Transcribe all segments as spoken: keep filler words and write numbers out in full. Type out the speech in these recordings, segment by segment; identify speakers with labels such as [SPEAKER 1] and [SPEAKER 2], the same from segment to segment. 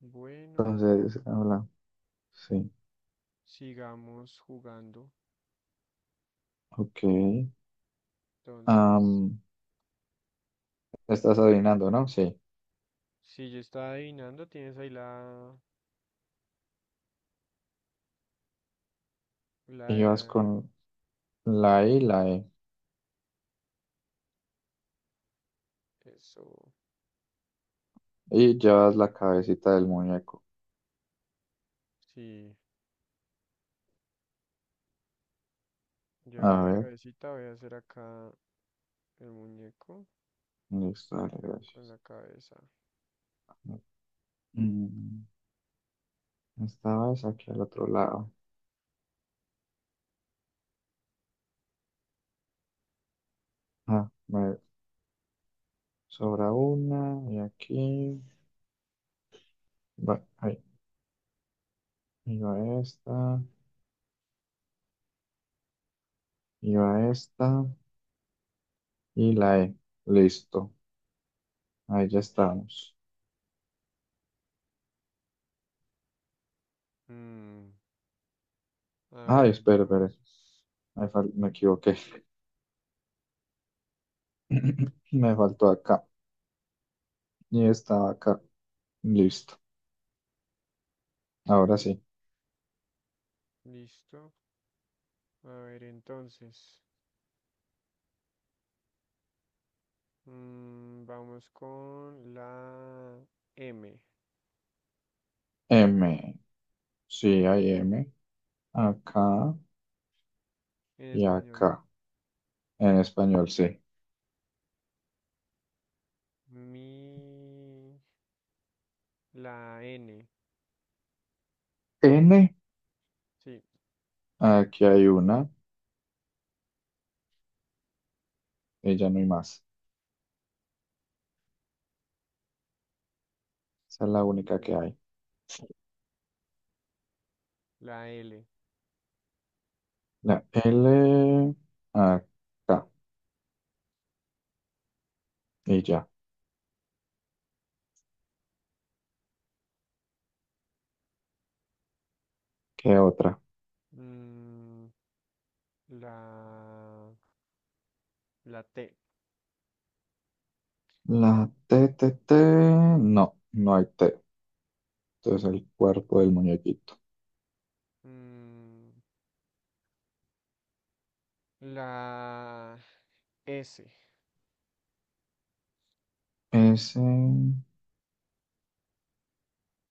[SPEAKER 1] Bueno,
[SPEAKER 2] Entonces, habla. Sí,
[SPEAKER 1] sigamos jugando.
[SPEAKER 2] ok.
[SPEAKER 1] Entonces,
[SPEAKER 2] Am, estás adivinando, ¿no? Sí.
[SPEAKER 1] si yo estaba adivinando, tienes ahí la,
[SPEAKER 2] Y vas
[SPEAKER 1] la,
[SPEAKER 2] con
[SPEAKER 1] la
[SPEAKER 2] la I, la
[SPEAKER 1] palabra.
[SPEAKER 2] E.
[SPEAKER 1] Eso,
[SPEAKER 2] Y llevas la cabecita del muñeco.
[SPEAKER 1] sí, ya
[SPEAKER 2] A
[SPEAKER 1] la
[SPEAKER 2] ver,
[SPEAKER 1] cabecita. Voy a hacer acá el muñeco
[SPEAKER 2] listo, dale,
[SPEAKER 1] con
[SPEAKER 2] gracias.
[SPEAKER 1] la cabeza.
[SPEAKER 2] Mm, esta aquí al otro lado. Ah, me sobra una. Y aquí. Va, ahí. Y va esta. Y va esta. Y la E. Listo. Ahí ya estamos.
[SPEAKER 1] Mm, a
[SPEAKER 2] Ay,
[SPEAKER 1] ver,
[SPEAKER 2] espera, espera.
[SPEAKER 1] entonces.
[SPEAKER 2] Ahí fal- me equivoqué. Me faltó acá. Y estaba acá. Listo. Ahora sí.
[SPEAKER 1] Listo. A ver, entonces. Mm, vamos con la M
[SPEAKER 2] M. Sí, hay M. Acá
[SPEAKER 1] en
[SPEAKER 2] y
[SPEAKER 1] español, ¿no?
[SPEAKER 2] acá. En español, sí.
[SPEAKER 1] Mi, la N.
[SPEAKER 2] N.
[SPEAKER 1] Sí.
[SPEAKER 2] Aquí hay una. Y ya no hay más. Esa es la única que hay.
[SPEAKER 1] La L.
[SPEAKER 2] La L. Acá. Y ya. ¿Qué otra?
[SPEAKER 1] Mm, la, la T.
[SPEAKER 2] La T, T, T. No, no hay T. Entonces el cuerpo del muñequito.
[SPEAKER 1] Mm, la S.
[SPEAKER 2] S.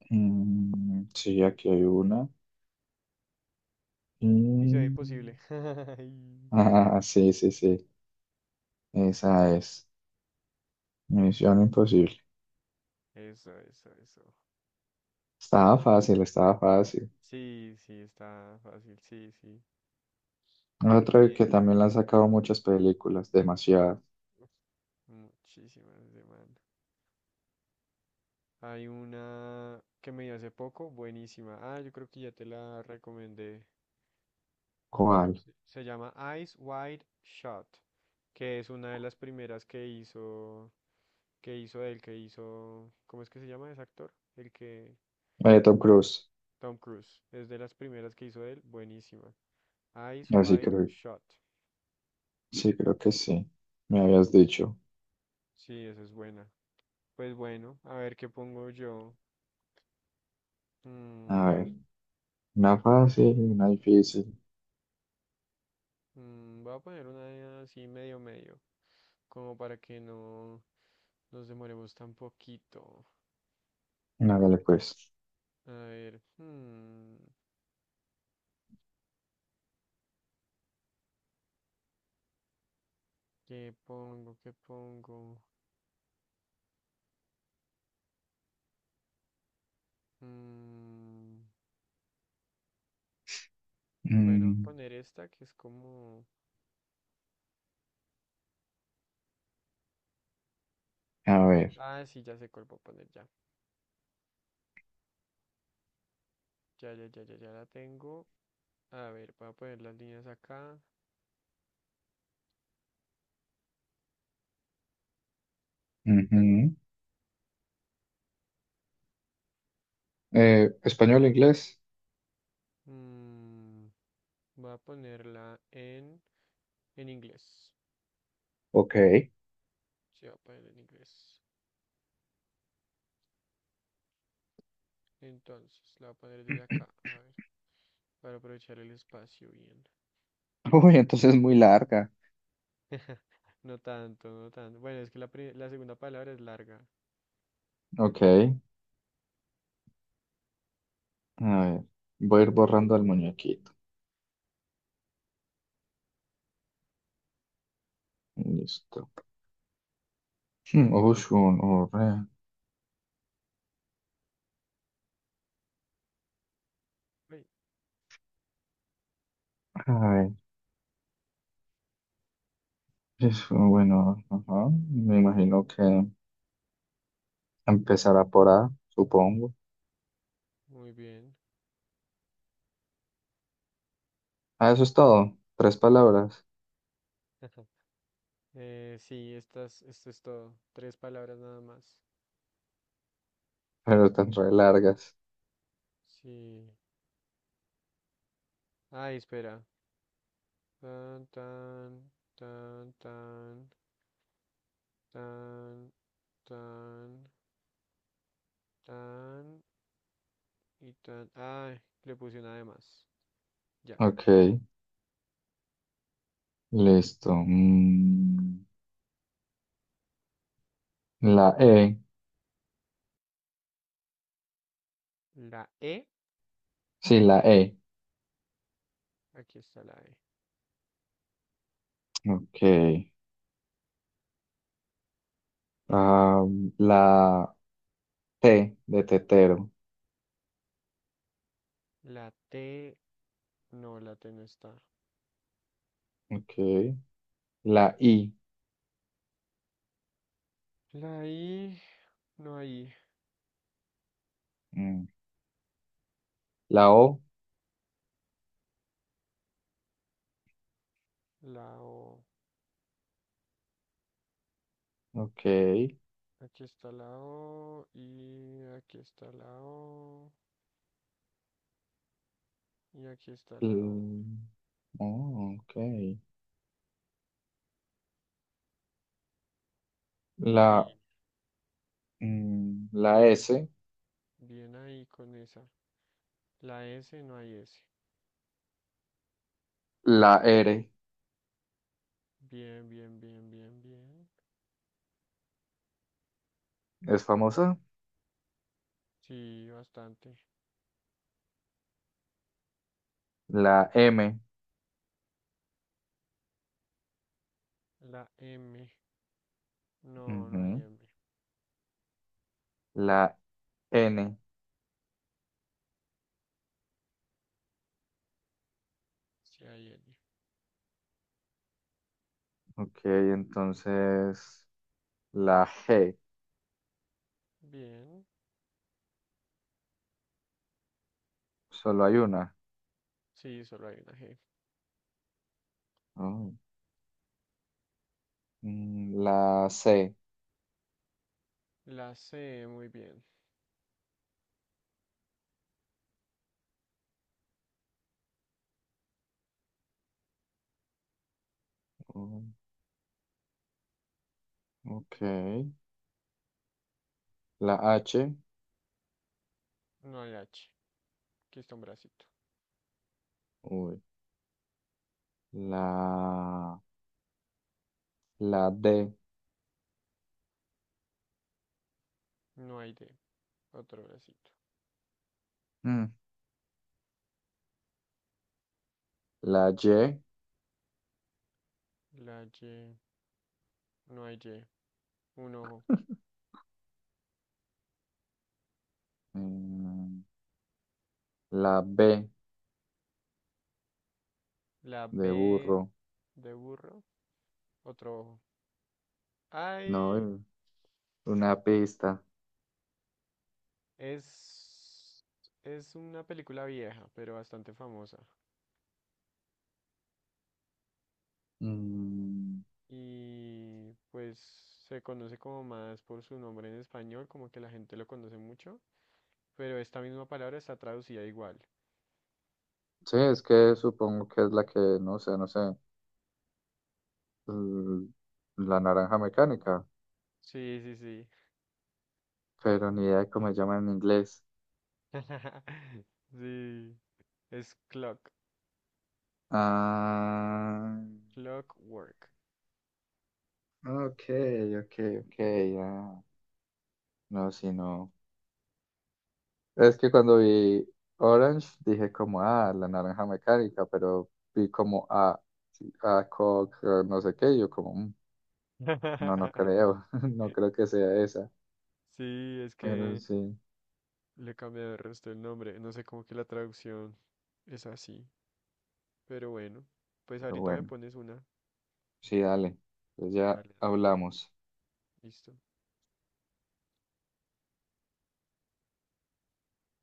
[SPEAKER 2] mm, Sí, aquí hay una.
[SPEAKER 1] ¡Misión
[SPEAKER 2] Y...
[SPEAKER 1] imposible! Ay,
[SPEAKER 2] Ah, sí, sí, sí. Esa es. Misión Imposible.
[SPEAKER 1] eso, eso, eso.
[SPEAKER 2] Estaba fácil, estaba fácil.
[SPEAKER 1] Sí, sí, está fácil. Sí, sí.
[SPEAKER 2] Otra que
[SPEAKER 1] Bien.
[SPEAKER 2] también la han sacado muchas películas, demasiado.
[SPEAKER 1] Muchísimas demandas. Hay una que me di hace poco, buenísima. Ah, yo creo que ya te la recomendé.
[SPEAKER 2] ¿Cuál?
[SPEAKER 1] Se se llama Eyes Wide Shut, que es una de las primeras que hizo que hizo él, que hizo, ¿cómo es que se llama ese actor? El que,
[SPEAKER 2] Eh, Tom Cruise.
[SPEAKER 1] Tom Cruise, es de las primeras que hizo él, buenísima. Eyes
[SPEAKER 2] Así
[SPEAKER 1] Wide
[SPEAKER 2] creo,
[SPEAKER 1] Shot,
[SPEAKER 2] sí, creo que sí. Me habías dicho.
[SPEAKER 1] sí, esa es buena. Pues bueno, a ver qué pongo yo.
[SPEAKER 2] A
[SPEAKER 1] Mm,
[SPEAKER 2] ver, una fácil, una difícil.
[SPEAKER 1] mm, Voy a poner una así medio medio, como para que no nos demoremos tan poquito.
[SPEAKER 2] Hágale pues.
[SPEAKER 1] A ver, mm, ¿qué pongo? ¿Qué pongo? Mm, bueno, voy a
[SPEAKER 2] Mm,
[SPEAKER 1] poner esta que es como...
[SPEAKER 2] a ver.
[SPEAKER 1] Ah, sí, ya sé cuál voy a poner ya. Ya, ya, ya, ya, ya la tengo. A ver, voy a poner las líneas acá.
[SPEAKER 2] Ujú. Eh, ¿español, inglés?
[SPEAKER 1] Mm, voy a ponerla en, en inglés.
[SPEAKER 2] Ok.
[SPEAKER 1] Sí, voy a poner en inglés. Entonces, la voy a poner desde acá. A ver, para aprovechar el espacio bien.
[SPEAKER 2] Uy, entonces es muy larga.
[SPEAKER 1] No tanto, no tanto. Bueno, es que la, pri- la segunda palabra es larga.
[SPEAKER 2] Ok. A ver. Voy a ir borrando al muñequito. Listo. Hmm, Ocean o Red.
[SPEAKER 1] Ay,
[SPEAKER 2] A ver, es bueno, ajá. Me imagino que empezará por A, supongo.
[SPEAKER 1] muy bien.
[SPEAKER 2] Ah, eso es todo. Tres palabras,
[SPEAKER 1] Eh, sí, estas, esto es todo. Tres palabras nada más.
[SPEAKER 2] pero tan re largas.
[SPEAKER 1] Sí. Ay, espera. Tan, tan, tan, tan, tan. Tan, tan y tan. Ah, le puse una de más. Ya.
[SPEAKER 2] Ok, listo. Mm, la E.
[SPEAKER 1] La E.
[SPEAKER 2] Sí, la E.
[SPEAKER 1] Aquí está la E.
[SPEAKER 2] Ok. Ah, la T de tetero.
[SPEAKER 1] La T. No, la T no está.
[SPEAKER 2] Ok. La I.
[SPEAKER 1] La I. No hay.
[SPEAKER 2] Mm, la O.
[SPEAKER 1] La O.
[SPEAKER 2] Ok.
[SPEAKER 1] Aquí está la O. Y aquí está la O. Y aquí está la O.
[SPEAKER 2] L- oh, ok. La
[SPEAKER 1] Sí,
[SPEAKER 2] mm, la
[SPEAKER 1] bien.
[SPEAKER 2] S,
[SPEAKER 1] Bien ahí con esa. La S, no hay S.
[SPEAKER 2] la R
[SPEAKER 1] Bien, bien, bien, bien, bien.
[SPEAKER 2] es famosa,
[SPEAKER 1] Sí, bastante.
[SPEAKER 2] la M,
[SPEAKER 1] La M. No, no hay
[SPEAKER 2] ujú,
[SPEAKER 1] M.
[SPEAKER 2] la N,
[SPEAKER 1] Sí, hay L.
[SPEAKER 2] ok, entonces la G,
[SPEAKER 1] Bien.
[SPEAKER 2] solo hay una.
[SPEAKER 1] Sí, solo hay una G.
[SPEAKER 2] Oh, mm, la C,
[SPEAKER 1] La C, muy bien.
[SPEAKER 2] oh, ok, la H,
[SPEAKER 1] No hay H. Aquí está un bracito.
[SPEAKER 2] uy, la, la D,
[SPEAKER 1] No hay D. Otro bracito.
[SPEAKER 2] mm, la Y,
[SPEAKER 1] La Y. No hay Y. Un ojo.
[SPEAKER 2] mm, la B
[SPEAKER 1] La
[SPEAKER 2] de
[SPEAKER 1] B
[SPEAKER 2] burro,
[SPEAKER 1] de burro. Otro ojo. Ay,
[SPEAKER 2] no, una pista.
[SPEAKER 1] es, es una película vieja, pero bastante famosa.
[SPEAKER 2] Mm,
[SPEAKER 1] Y pues se conoce como más por su nombre en español, como que la gente lo conoce mucho. Pero esta misma palabra está traducida igual.
[SPEAKER 2] sí, es que supongo que es la que, no sé, no sé, l- la naranja mecánica,
[SPEAKER 1] Sí, sí, sí.
[SPEAKER 2] pero ni idea de cómo se llama en inglés.
[SPEAKER 1] Sí, es clock,
[SPEAKER 2] Ah,
[SPEAKER 1] clockwork.
[SPEAKER 2] ok, ok, ok, ya. No, sí, no. Es que cuando vi Orange dije como, ah, la naranja mecánica, pero vi como, ah, sí, ah, Coke, ah, no sé qué, y yo como, "Mm, no, no creo, no creo que sea esa,
[SPEAKER 1] Sí, es
[SPEAKER 2] pero
[SPEAKER 1] que
[SPEAKER 2] sí,
[SPEAKER 1] le cambié el resto del nombre. No sé cómo que la traducción es así, pero bueno, pues
[SPEAKER 2] pero
[SPEAKER 1] ahorita me
[SPEAKER 2] bueno,
[SPEAKER 1] pones una.
[SPEAKER 2] sí, dale, pues ya
[SPEAKER 1] Dale, dale.
[SPEAKER 2] hablamos.
[SPEAKER 1] Listo.